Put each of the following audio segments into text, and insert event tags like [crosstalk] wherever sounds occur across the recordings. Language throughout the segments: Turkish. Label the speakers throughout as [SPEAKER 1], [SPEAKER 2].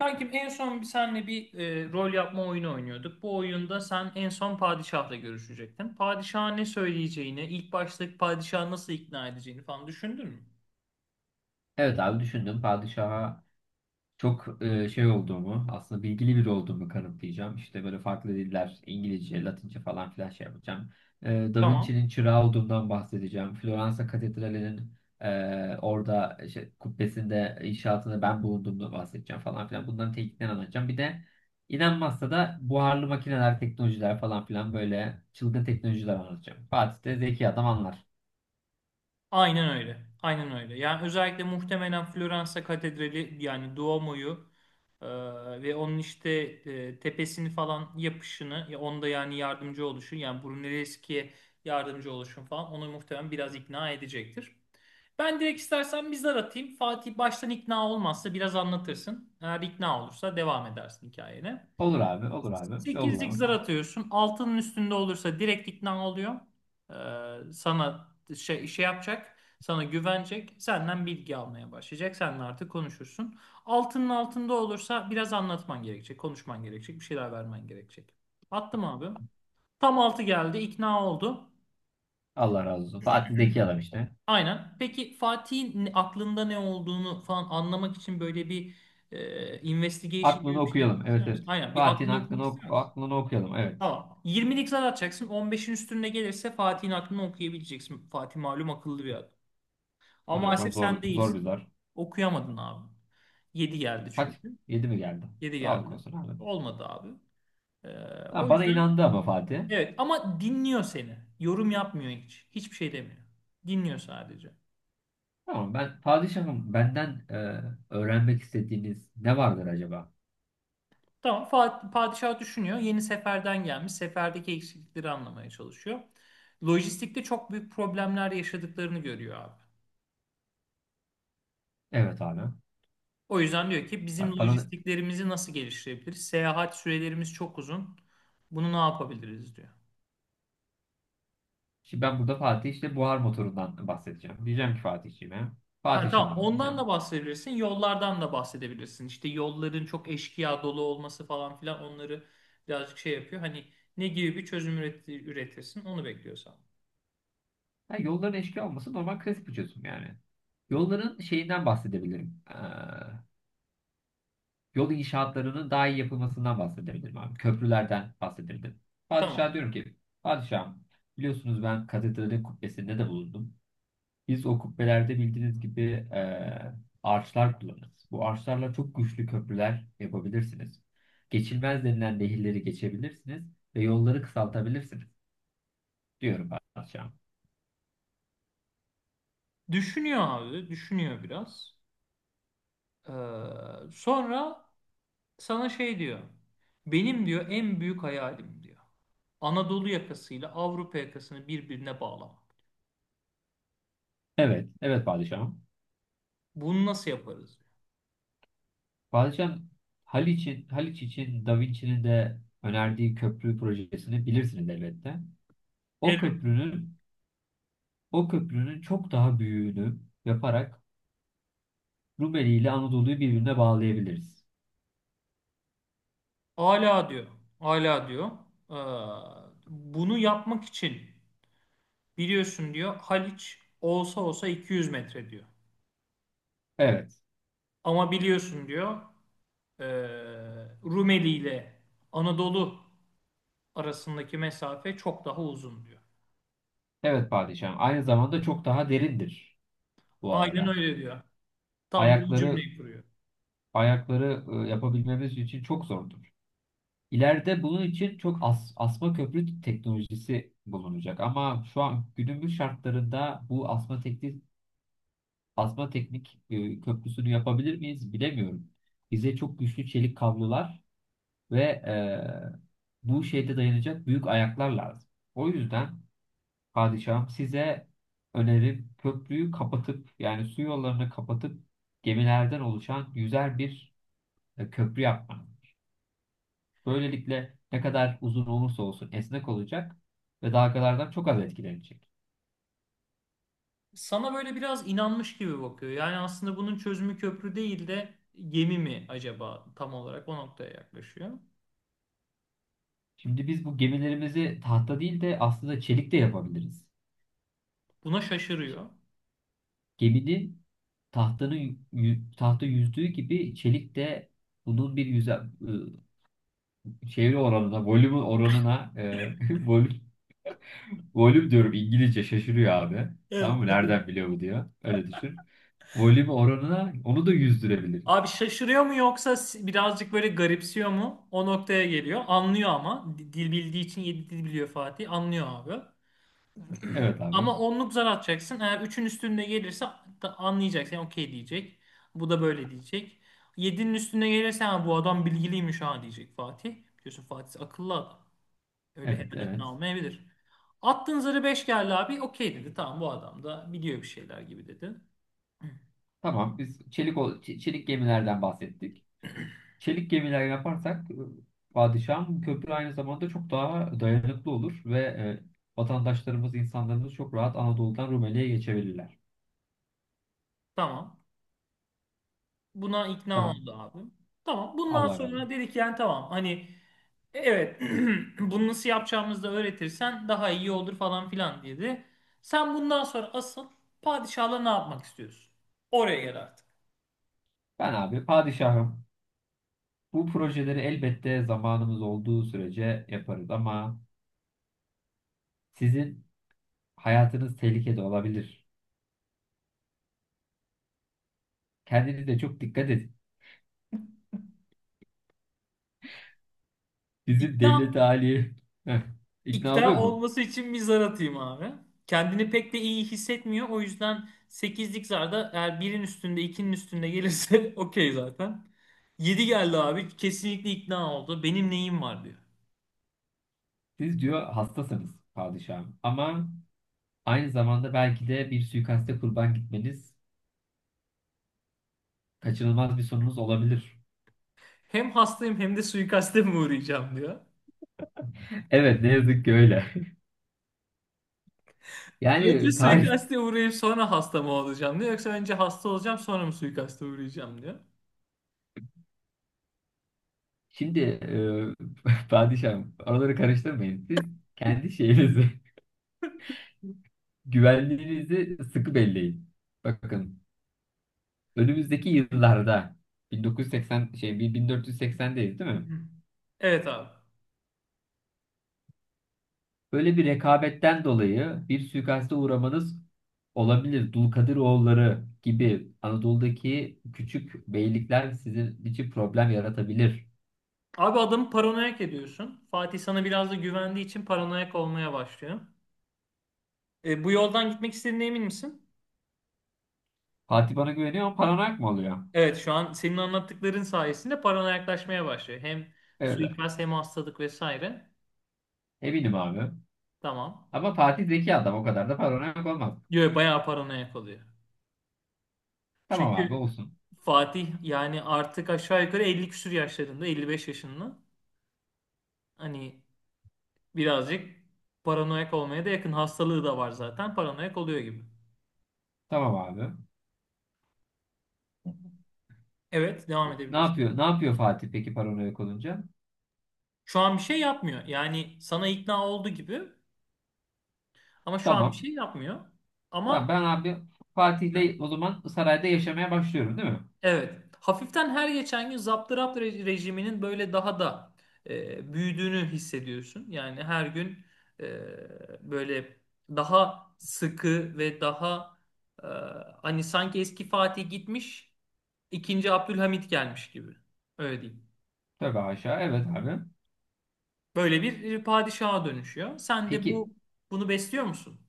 [SPEAKER 1] Kankim en son bir senle bir rol yapma oyunu oynuyorduk. Bu oyunda sen en son padişahla görüşecektin. Padişaha ne söyleyeceğini, ilk başta padişahı nasıl ikna edeceğini falan düşündün mü?
[SPEAKER 2] Evet abi düşündüm. Padişaha çok şey olduğumu, aslında bilgili biri olduğumu kanıtlayacağım. İşte böyle farklı diller, İngilizce, Latince falan filan şey yapacağım. E, Da
[SPEAKER 1] Tamam.
[SPEAKER 2] Vinci'nin çırağı olduğundan bahsedeceğim. Floransa Katedrali'nin orada işte, kubbesinde, inşaatında ben bulunduğumdan bahsedeceğim falan filan. Bunların tekniklerini anlatacağım. Bir de inanmazsa da buharlı makineler, teknolojiler falan filan böyle çılgın teknolojiler anlatacağım. Fatih de zeki adam anlar.
[SPEAKER 1] Aynen öyle. Aynen öyle. Yani özellikle muhtemelen Floransa Katedrali yani Duomo'yu e, ve onun işte tepesini falan yapışını ya onda yani yardımcı oluşun, yani Brunelleschi'ye yardımcı oluşun falan onu muhtemelen biraz ikna edecektir. Ben direkt istersen bir zar atayım. Fatih baştan ikna olmazsa biraz anlatırsın. Eğer ikna olursa devam edersin hikayene.
[SPEAKER 2] Olur abi, olur abi. Yolla
[SPEAKER 1] 8'lik zar
[SPEAKER 2] bakalım.
[SPEAKER 1] atıyorsun. Altının üstünde olursa direkt ikna oluyor. Sana şey, şey yapacak. Sana güvenecek. Senden bilgi almaya başlayacak. Seninle artık konuşursun. Altının altında olursa biraz anlatman gerekecek. Konuşman gerekecek. Bir şeyler vermen gerekecek. Attım abi. Tam altı geldi. İkna oldu.
[SPEAKER 2] Allah razı olsun. Fatih zeki adam işte.
[SPEAKER 1] Aynen. Peki Fatih'in aklında ne olduğunu falan anlamak için böyle bir investigation
[SPEAKER 2] Aklını
[SPEAKER 1] gibi bir şey
[SPEAKER 2] okuyalım.
[SPEAKER 1] yapmak
[SPEAKER 2] Evet,
[SPEAKER 1] ister misin?
[SPEAKER 2] evet.
[SPEAKER 1] Aynen. Bir
[SPEAKER 2] Fatih'in
[SPEAKER 1] aklını okumak
[SPEAKER 2] aklını,
[SPEAKER 1] ister misin?
[SPEAKER 2] aklını okuyalım. Evet.
[SPEAKER 1] Tamam. 20'lik zar atacaksın. 15'in üstünde gelirse Fatih'in aklını okuyabileceksin. Fatih malum akıllı bir adam. Ama
[SPEAKER 2] Hadi bakalım
[SPEAKER 1] maalesef sen
[SPEAKER 2] zor zor bir
[SPEAKER 1] değilsin.
[SPEAKER 2] zar.
[SPEAKER 1] Okuyamadın abi. 7 geldi
[SPEAKER 2] Kaç?
[SPEAKER 1] çünkü.
[SPEAKER 2] 7 mi geldi?
[SPEAKER 1] 7
[SPEAKER 2] Sağlık
[SPEAKER 1] geldi.
[SPEAKER 2] olsun abi.
[SPEAKER 1] Olmadı abi. Ee,
[SPEAKER 2] Tamam,
[SPEAKER 1] O
[SPEAKER 2] bana
[SPEAKER 1] yüzden
[SPEAKER 2] inandı ama Fatih.
[SPEAKER 1] evet ama dinliyor seni. Yorum yapmıyor hiç. Hiçbir şey demiyor. Dinliyor sadece.
[SPEAKER 2] Tamam, ben padişahım, benden öğrenmek istediğiniz ne vardır acaba?
[SPEAKER 1] Tamam padişah düşünüyor. Yeni seferden gelmiş. Seferdeki eksiklikleri anlamaya çalışıyor. Lojistikte çok büyük problemler yaşadıklarını görüyor abi.
[SPEAKER 2] Evet abi.
[SPEAKER 1] O yüzden diyor ki bizim
[SPEAKER 2] Bana
[SPEAKER 1] lojistiklerimizi nasıl geliştirebiliriz? Seyahat sürelerimiz çok uzun. Bunu ne yapabiliriz diyor.
[SPEAKER 2] şimdi ben burada Fatih işte buhar motorundan bahsedeceğim. Diyeceğim ki Fatih'ciğime.
[SPEAKER 1] Ha tamam
[SPEAKER 2] Padişahım
[SPEAKER 1] ondan da
[SPEAKER 2] diyeceğim.
[SPEAKER 1] bahsedebilirsin. Yollardan da bahsedebilirsin. İşte yolların çok eşkıya dolu olması falan filan onları birazcık şey yapıyor. Hani ne gibi bir çözüm üretirsin onu bekliyorsan.
[SPEAKER 2] Ha, yolların eşkıya olması normal klasik bir çözüm yani. Yolların şeyinden bahsedebilirim. Yol inşaatlarının daha iyi yapılmasından bahsedebilirim abi. Köprülerden bahsedebilirim. Padişah,
[SPEAKER 1] Tamam.
[SPEAKER 2] diyorum ki, padişahım, biliyorsunuz ben katedralin kubbesinde de bulundum. Biz o kubbelerde bildiğiniz gibi e, arçlar kullanırız. Bu arçlarla çok güçlü köprüler yapabilirsiniz. Geçilmez denilen nehirleri geçebilirsiniz ve yolları kısaltabilirsiniz, diyorum padişahım.
[SPEAKER 1] Düşünüyor abi. Düşünüyor biraz. Ee, Sonra sana şey diyor. Benim diyor en büyük hayalim diyor. Anadolu yakasıyla Avrupa yakasını birbirine bağlamak.
[SPEAKER 2] Evet, evet padişahım.
[SPEAKER 1] Bunu nasıl yaparız? Diyor.
[SPEAKER 2] Padişahım, Haliç için Da Vinci'nin de önerdiği köprü projesini bilirsiniz elbette. O
[SPEAKER 1] Elbette. Diyor.
[SPEAKER 2] köprünün o köprünün çok daha büyüğünü yaparak Rumeli ile Anadolu'yu birbirine bağlayabiliriz.
[SPEAKER 1] Ala diyor. Ala diyor. Ee, Bunu yapmak için biliyorsun diyor Haliç olsa olsa 200 metre diyor.
[SPEAKER 2] Evet.
[SPEAKER 1] Ama biliyorsun diyor e, Rumeli ile Anadolu arasındaki mesafe çok daha uzun diyor.
[SPEAKER 2] Evet padişahım. Aynı zamanda çok daha derindir bu
[SPEAKER 1] Aynen
[SPEAKER 2] arada.
[SPEAKER 1] öyle diyor. Tam da bu
[SPEAKER 2] Ayakları
[SPEAKER 1] cümleyi kuruyor.
[SPEAKER 2] ayakları yapabilmemiz için çok zordur. İleride bunun için çok asma köprü teknolojisi bulunacak ama şu an günümüz şartlarında bu asma teknik köprüsünü yapabilir miyiz bilemiyorum. Bize çok güçlü çelik kablolar ve bu şeyde dayanacak büyük ayaklar lazım. O yüzden padişahım size önerim köprüyü kapatıp yani su yollarını kapatıp gemilerden oluşan yüzer bir köprü yapmanız. Böylelikle ne kadar uzun olursa olsun esnek olacak ve dalgalardan çok az etkilenecek.
[SPEAKER 1] Sana böyle biraz inanmış gibi bakıyor. Yani aslında bunun çözümü köprü değil de gemi mi acaba tam olarak o noktaya yaklaşıyor.
[SPEAKER 2] Şimdi biz bu gemilerimizi tahta değil de aslında çelik de yapabiliriz.
[SPEAKER 1] Buna şaşırıyor.
[SPEAKER 2] Geminin tahta yüzdüğü gibi çelik de bunun bir ıı, çeviri oranına, volüm oranına, [laughs] volüm, volüm diyorum, İngilizce şaşırıyor abi.
[SPEAKER 1] Evet.
[SPEAKER 2] Tamam mı? Nereden biliyor bu, diyor. Öyle düşün. Volüm oranına onu da yüzdürebiliriz.
[SPEAKER 1] Abi şaşırıyor mu yoksa birazcık böyle garipsiyor mu? O noktaya geliyor. Anlıyor ama. Dil bildiği için yedi dil biliyor Fatih. Anlıyor abi.
[SPEAKER 2] Evet abi.
[SPEAKER 1] Ama onluk zar atacaksın. Eğer üçün üstünde gelirse da anlayacaksın. Yani okey diyecek. Bu da böyle diyecek. Yedinin üstüne gelirse ha, bu adam bilgiliymiş ha diyecek Fatih. Biliyorsun Fatih akıllı adam. Öyle
[SPEAKER 2] Evet,
[SPEAKER 1] hemen
[SPEAKER 2] evet.
[SPEAKER 1] ikna olmayabilir. Attığın zarı 5 geldi abi. Okey dedi. Tamam bu adam da biliyor bir şeyler gibi dedi. Hı.
[SPEAKER 2] Tamam, biz çelik, çelik gemilerden bahsettik. Çelik gemiler yaparsak padişahın köprü aynı zamanda çok daha dayanıklı olur ve vatandaşlarımız, insanlarımız çok rahat Anadolu'dan Rumeli'ye geçebilirler.
[SPEAKER 1] Tamam. Buna ikna
[SPEAKER 2] Tamam.
[SPEAKER 1] oldu abim. Tamam. Bundan
[SPEAKER 2] Allah razı
[SPEAKER 1] sonra
[SPEAKER 2] olsun.
[SPEAKER 1] dedik yani tamam hani evet [clears throat] bunu nasıl yapacağımızı da öğretirsen daha iyi olur falan filan dedi. Sen bundan sonra asıl padişahla ne yapmak istiyorsun? Oraya gel artık.
[SPEAKER 2] Ben abi padişahım. Bu projeleri elbette zamanımız olduğu sürece yaparız ama sizin hayatınız tehlikede olabilir. Kendinize çok dikkat edin. Bizim
[SPEAKER 1] İkna,
[SPEAKER 2] devlet hali Heh, ikna oluyor
[SPEAKER 1] ikna
[SPEAKER 2] mu?
[SPEAKER 1] olması için bir zar atayım abi. Kendini pek de iyi hissetmiyor. O yüzden 8'lik zarda eğer birin üstünde ikinin üstünde gelirse [laughs] okey zaten. Yedi geldi abi. Kesinlikle ikna oldu. Benim neyim var diyor.
[SPEAKER 2] Siz, diyor, hastasınız padişahım ama aynı zamanda belki de bir suikaste kurban gitmeniz kaçınılmaz bir sonunuz olabilir.
[SPEAKER 1] Hem hastayım hem de suikaste mi uğrayacağım diyor.
[SPEAKER 2] Evet, ne yazık ki öyle. [laughs]
[SPEAKER 1] Önce
[SPEAKER 2] Yani tarih
[SPEAKER 1] suikaste uğrayıp sonra hasta mı olacağım diyor. Yoksa önce hasta olacağım sonra mı suikaste uğrayacağım diyor.
[SPEAKER 2] şimdi [laughs] padişahım, araları karıştırmayın. Siz kendi şeyinizi [laughs] güvenliğinizi sıkı belleyin. Bakın önümüzdeki yıllarda 1980 şey 1480'deyiz değil mi?
[SPEAKER 1] Evet abi.
[SPEAKER 2] Böyle bir rekabetten dolayı bir suikaste uğramanız olabilir. Dulkadiroğulları gibi Anadolu'daki küçük beylikler sizin için problem yaratabilir.
[SPEAKER 1] Abi adamı paranoyak ediyorsun. Fatih sana biraz da güvendiği için paranoyak olmaya başlıyor. Bu yoldan gitmek istediğine emin misin?
[SPEAKER 2] Fatih bana güveniyor ama paranoyak mı oluyor?
[SPEAKER 1] Evet şu an senin anlattıkların sayesinde paranoyaklaşmaya başlıyor. Hem
[SPEAKER 2] Evet.
[SPEAKER 1] suikast hem hastalık vesaire.
[SPEAKER 2] Eminim abi.
[SPEAKER 1] Tamam.
[SPEAKER 2] Ama Fatih zeki adam, o kadar da paranoyak olmaz.
[SPEAKER 1] Diyor bayağı paranoyak oluyor.
[SPEAKER 2] Tamam abi,
[SPEAKER 1] Çünkü
[SPEAKER 2] olsun.
[SPEAKER 1] Fatih yani artık aşağı yukarı 50 küsur yaşlarında, 55 yaşında. Hani birazcık paranoyak olmaya da yakın. Hastalığı da var zaten. Paranoyak oluyor gibi.
[SPEAKER 2] Tamam abi.
[SPEAKER 1] Evet, devam
[SPEAKER 2] Ne
[SPEAKER 1] edebilirsin.
[SPEAKER 2] yapıyor? Ne yapıyor Fatih peki paranoyak olunca?
[SPEAKER 1] Şu an bir şey yapmıyor. Yani sana ikna oldu gibi ama şu an bir
[SPEAKER 2] Tamam.
[SPEAKER 1] şey yapmıyor.
[SPEAKER 2] Tamam,
[SPEAKER 1] Ama
[SPEAKER 2] ben abi Fatih'le o zaman sarayda yaşamaya başlıyorum değil mi?
[SPEAKER 1] evet. Hafiften her geçen gün zaptı rejiminin böyle daha da büyüdüğünü hissediyorsun. Yani her gün e, böyle daha sıkı ve daha e, hani sanki eski Fatih gitmiş, ikinci Abdülhamit gelmiş gibi. Öyle diyeyim.
[SPEAKER 2] Tövbe haşa. Evet abi.
[SPEAKER 1] Böyle bir padişaha dönüşüyor. Sen de
[SPEAKER 2] Peki
[SPEAKER 1] bunu besliyor musun?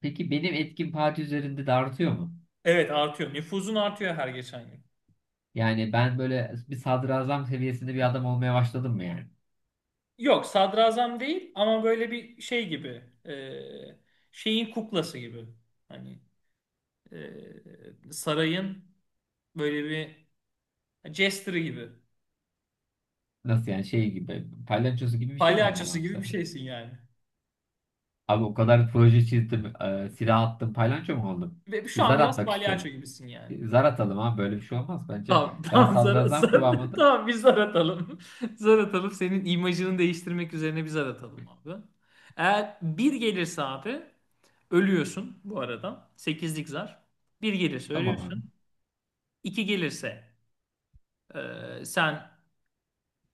[SPEAKER 2] peki benim etkim Fatih üzerinde de artıyor mu?
[SPEAKER 1] Evet artıyor. Nüfuzun artıyor her geçen gün.
[SPEAKER 2] Yani ben böyle bir sadrazam seviyesinde bir adam olmaya başladım mı yani?
[SPEAKER 1] Yok sadrazam değil ama böyle bir şey gibi e, şeyin kuklası gibi hani sarayın böyle bir jester'ı gibi
[SPEAKER 2] Nasıl yani, şey gibi palyaçosu gibi bir şey mi oldum
[SPEAKER 1] palyaçosu
[SPEAKER 2] abi
[SPEAKER 1] gibi bir
[SPEAKER 2] sen?
[SPEAKER 1] şeysin yani.
[SPEAKER 2] Abi o kadar proje çizdim, silah attım, palyaço mu oldum?
[SPEAKER 1] Ve
[SPEAKER 2] Bir
[SPEAKER 1] şu an
[SPEAKER 2] zar
[SPEAKER 1] biraz
[SPEAKER 2] atmak
[SPEAKER 1] palyaço
[SPEAKER 2] istiyorum.
[SPEAKER 1] gibisin yani.
[SPEAKER 2] Bir zar atalım abi, böyle bir şey olmaz bence.
[SPEAKER 1] Tamam [laughs]
[SPEAKER 2] Ben
[SPEAKER 1] tamam
[SPEAKER 2] sadrazam
[SPEAKER 1] [laughs]
[SPEAKER 2] kıvamında.
[SPEAKER 1] tamam bir zar atalım. [laughs] Zar atalım senin imajını değiştirmek üzerine bir zar atalım abi. Eğer bir gelirse abi ölüyorsun bu arada. Sekizlik zar. Bir gelirse
[SPEAKER 2] Tamam abi.
[SPEAKER 1] ölüyorsun. İki gelirse sen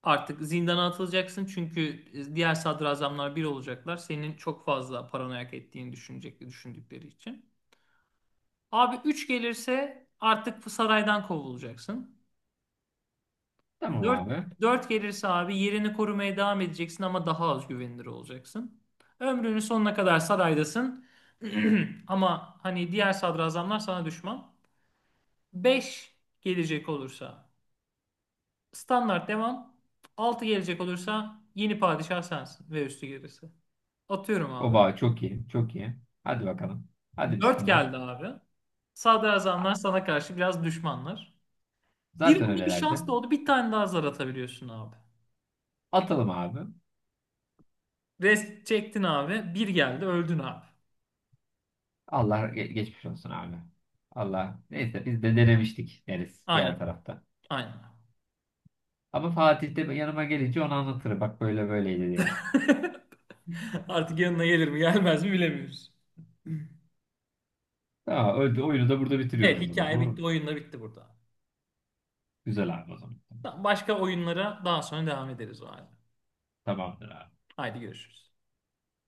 [SPEAKER 1] artık zindana atılacaksın çünkü diğer sadrazamlar bir olacaklar. Senin çok fazla paranoyak ettiğini düşündükleri için. Abi 3 gelirse artık saraydan kovulacaksın.
[SPEAKER 2] Tamam
[SPEAKER 1] 4
[SPEAKER 2] abi.
[SPEAKER 1] 4 gelirse abi yerini korumaya devam edeceksin ama daha az güvenilir olacaksın. Ömrünün sonuna kadar saraydasın. [clears throat] Ama hani diğer sadrazamlar sana düşman. 5 gelecek olursa standart devam. 6 gelecek olursa yeni padişah sensin ve üstü gerisi. Atıyorum abi.
[SPEAKER 2] Oba çok iyi, çok iyi. Hadi bakalım. Hadi
[SPEAKER 1] 4
[SPEAKER 2] bismillah.
[SPEAKER 1] geldi abi. Sadrazamlar sana karşı biraz düşmanlar. Bir
[SPEAKER 2] Zaten
[SPEAKER 1] anda bir
[SPEAKER 2] öylelerdi.
[SPEAKER 1] şans doğdu. Bir tane daha zar atabiliyorsun abi.
[SPEAKER 2] Atalım abi.
[SPEAKER 1] Rest çektin abi. Bir geldi öldün abi.
[SPEAKER 2] Allah geçmiş olsun abi. Allah. Neyse, biz de denemiştik deriz diğer
[SPEAKER 1] Aynen.
[SPEAKER 2] tarafta.
[SPEAKER 1] Aynen.
[SPEAKER 2] Ama Fatih de yanıma gelince onu anlatır. Bak, böyle böyleydi diye.
[SPEAKER 1] [laughs] Artık yanına gelir mi gelmez mi bilemiyoruz.
[SPEAKER 2] Tamam, oyunu da burada
[SPEAKER 1] Evet
[SPEAKER 2] bitiriyoruz o zaman.
[SPEAKER 1] hikaye
[SPEAKER 2] Doğru
[SPEAKER 1] bitti.
[SPEAKER 2] mu?
[SPEAKER 1] Oyunla bitti burada.
[SPEAKER 2] Güzel abi o zaman.
[SPEAKER 1] Tamam, başka oyunlara daha sonra devam ederiz o halde.
[SPEAKER 2] Tamamdır abi.
[SPEAKER 1] Haydi görüşürüz.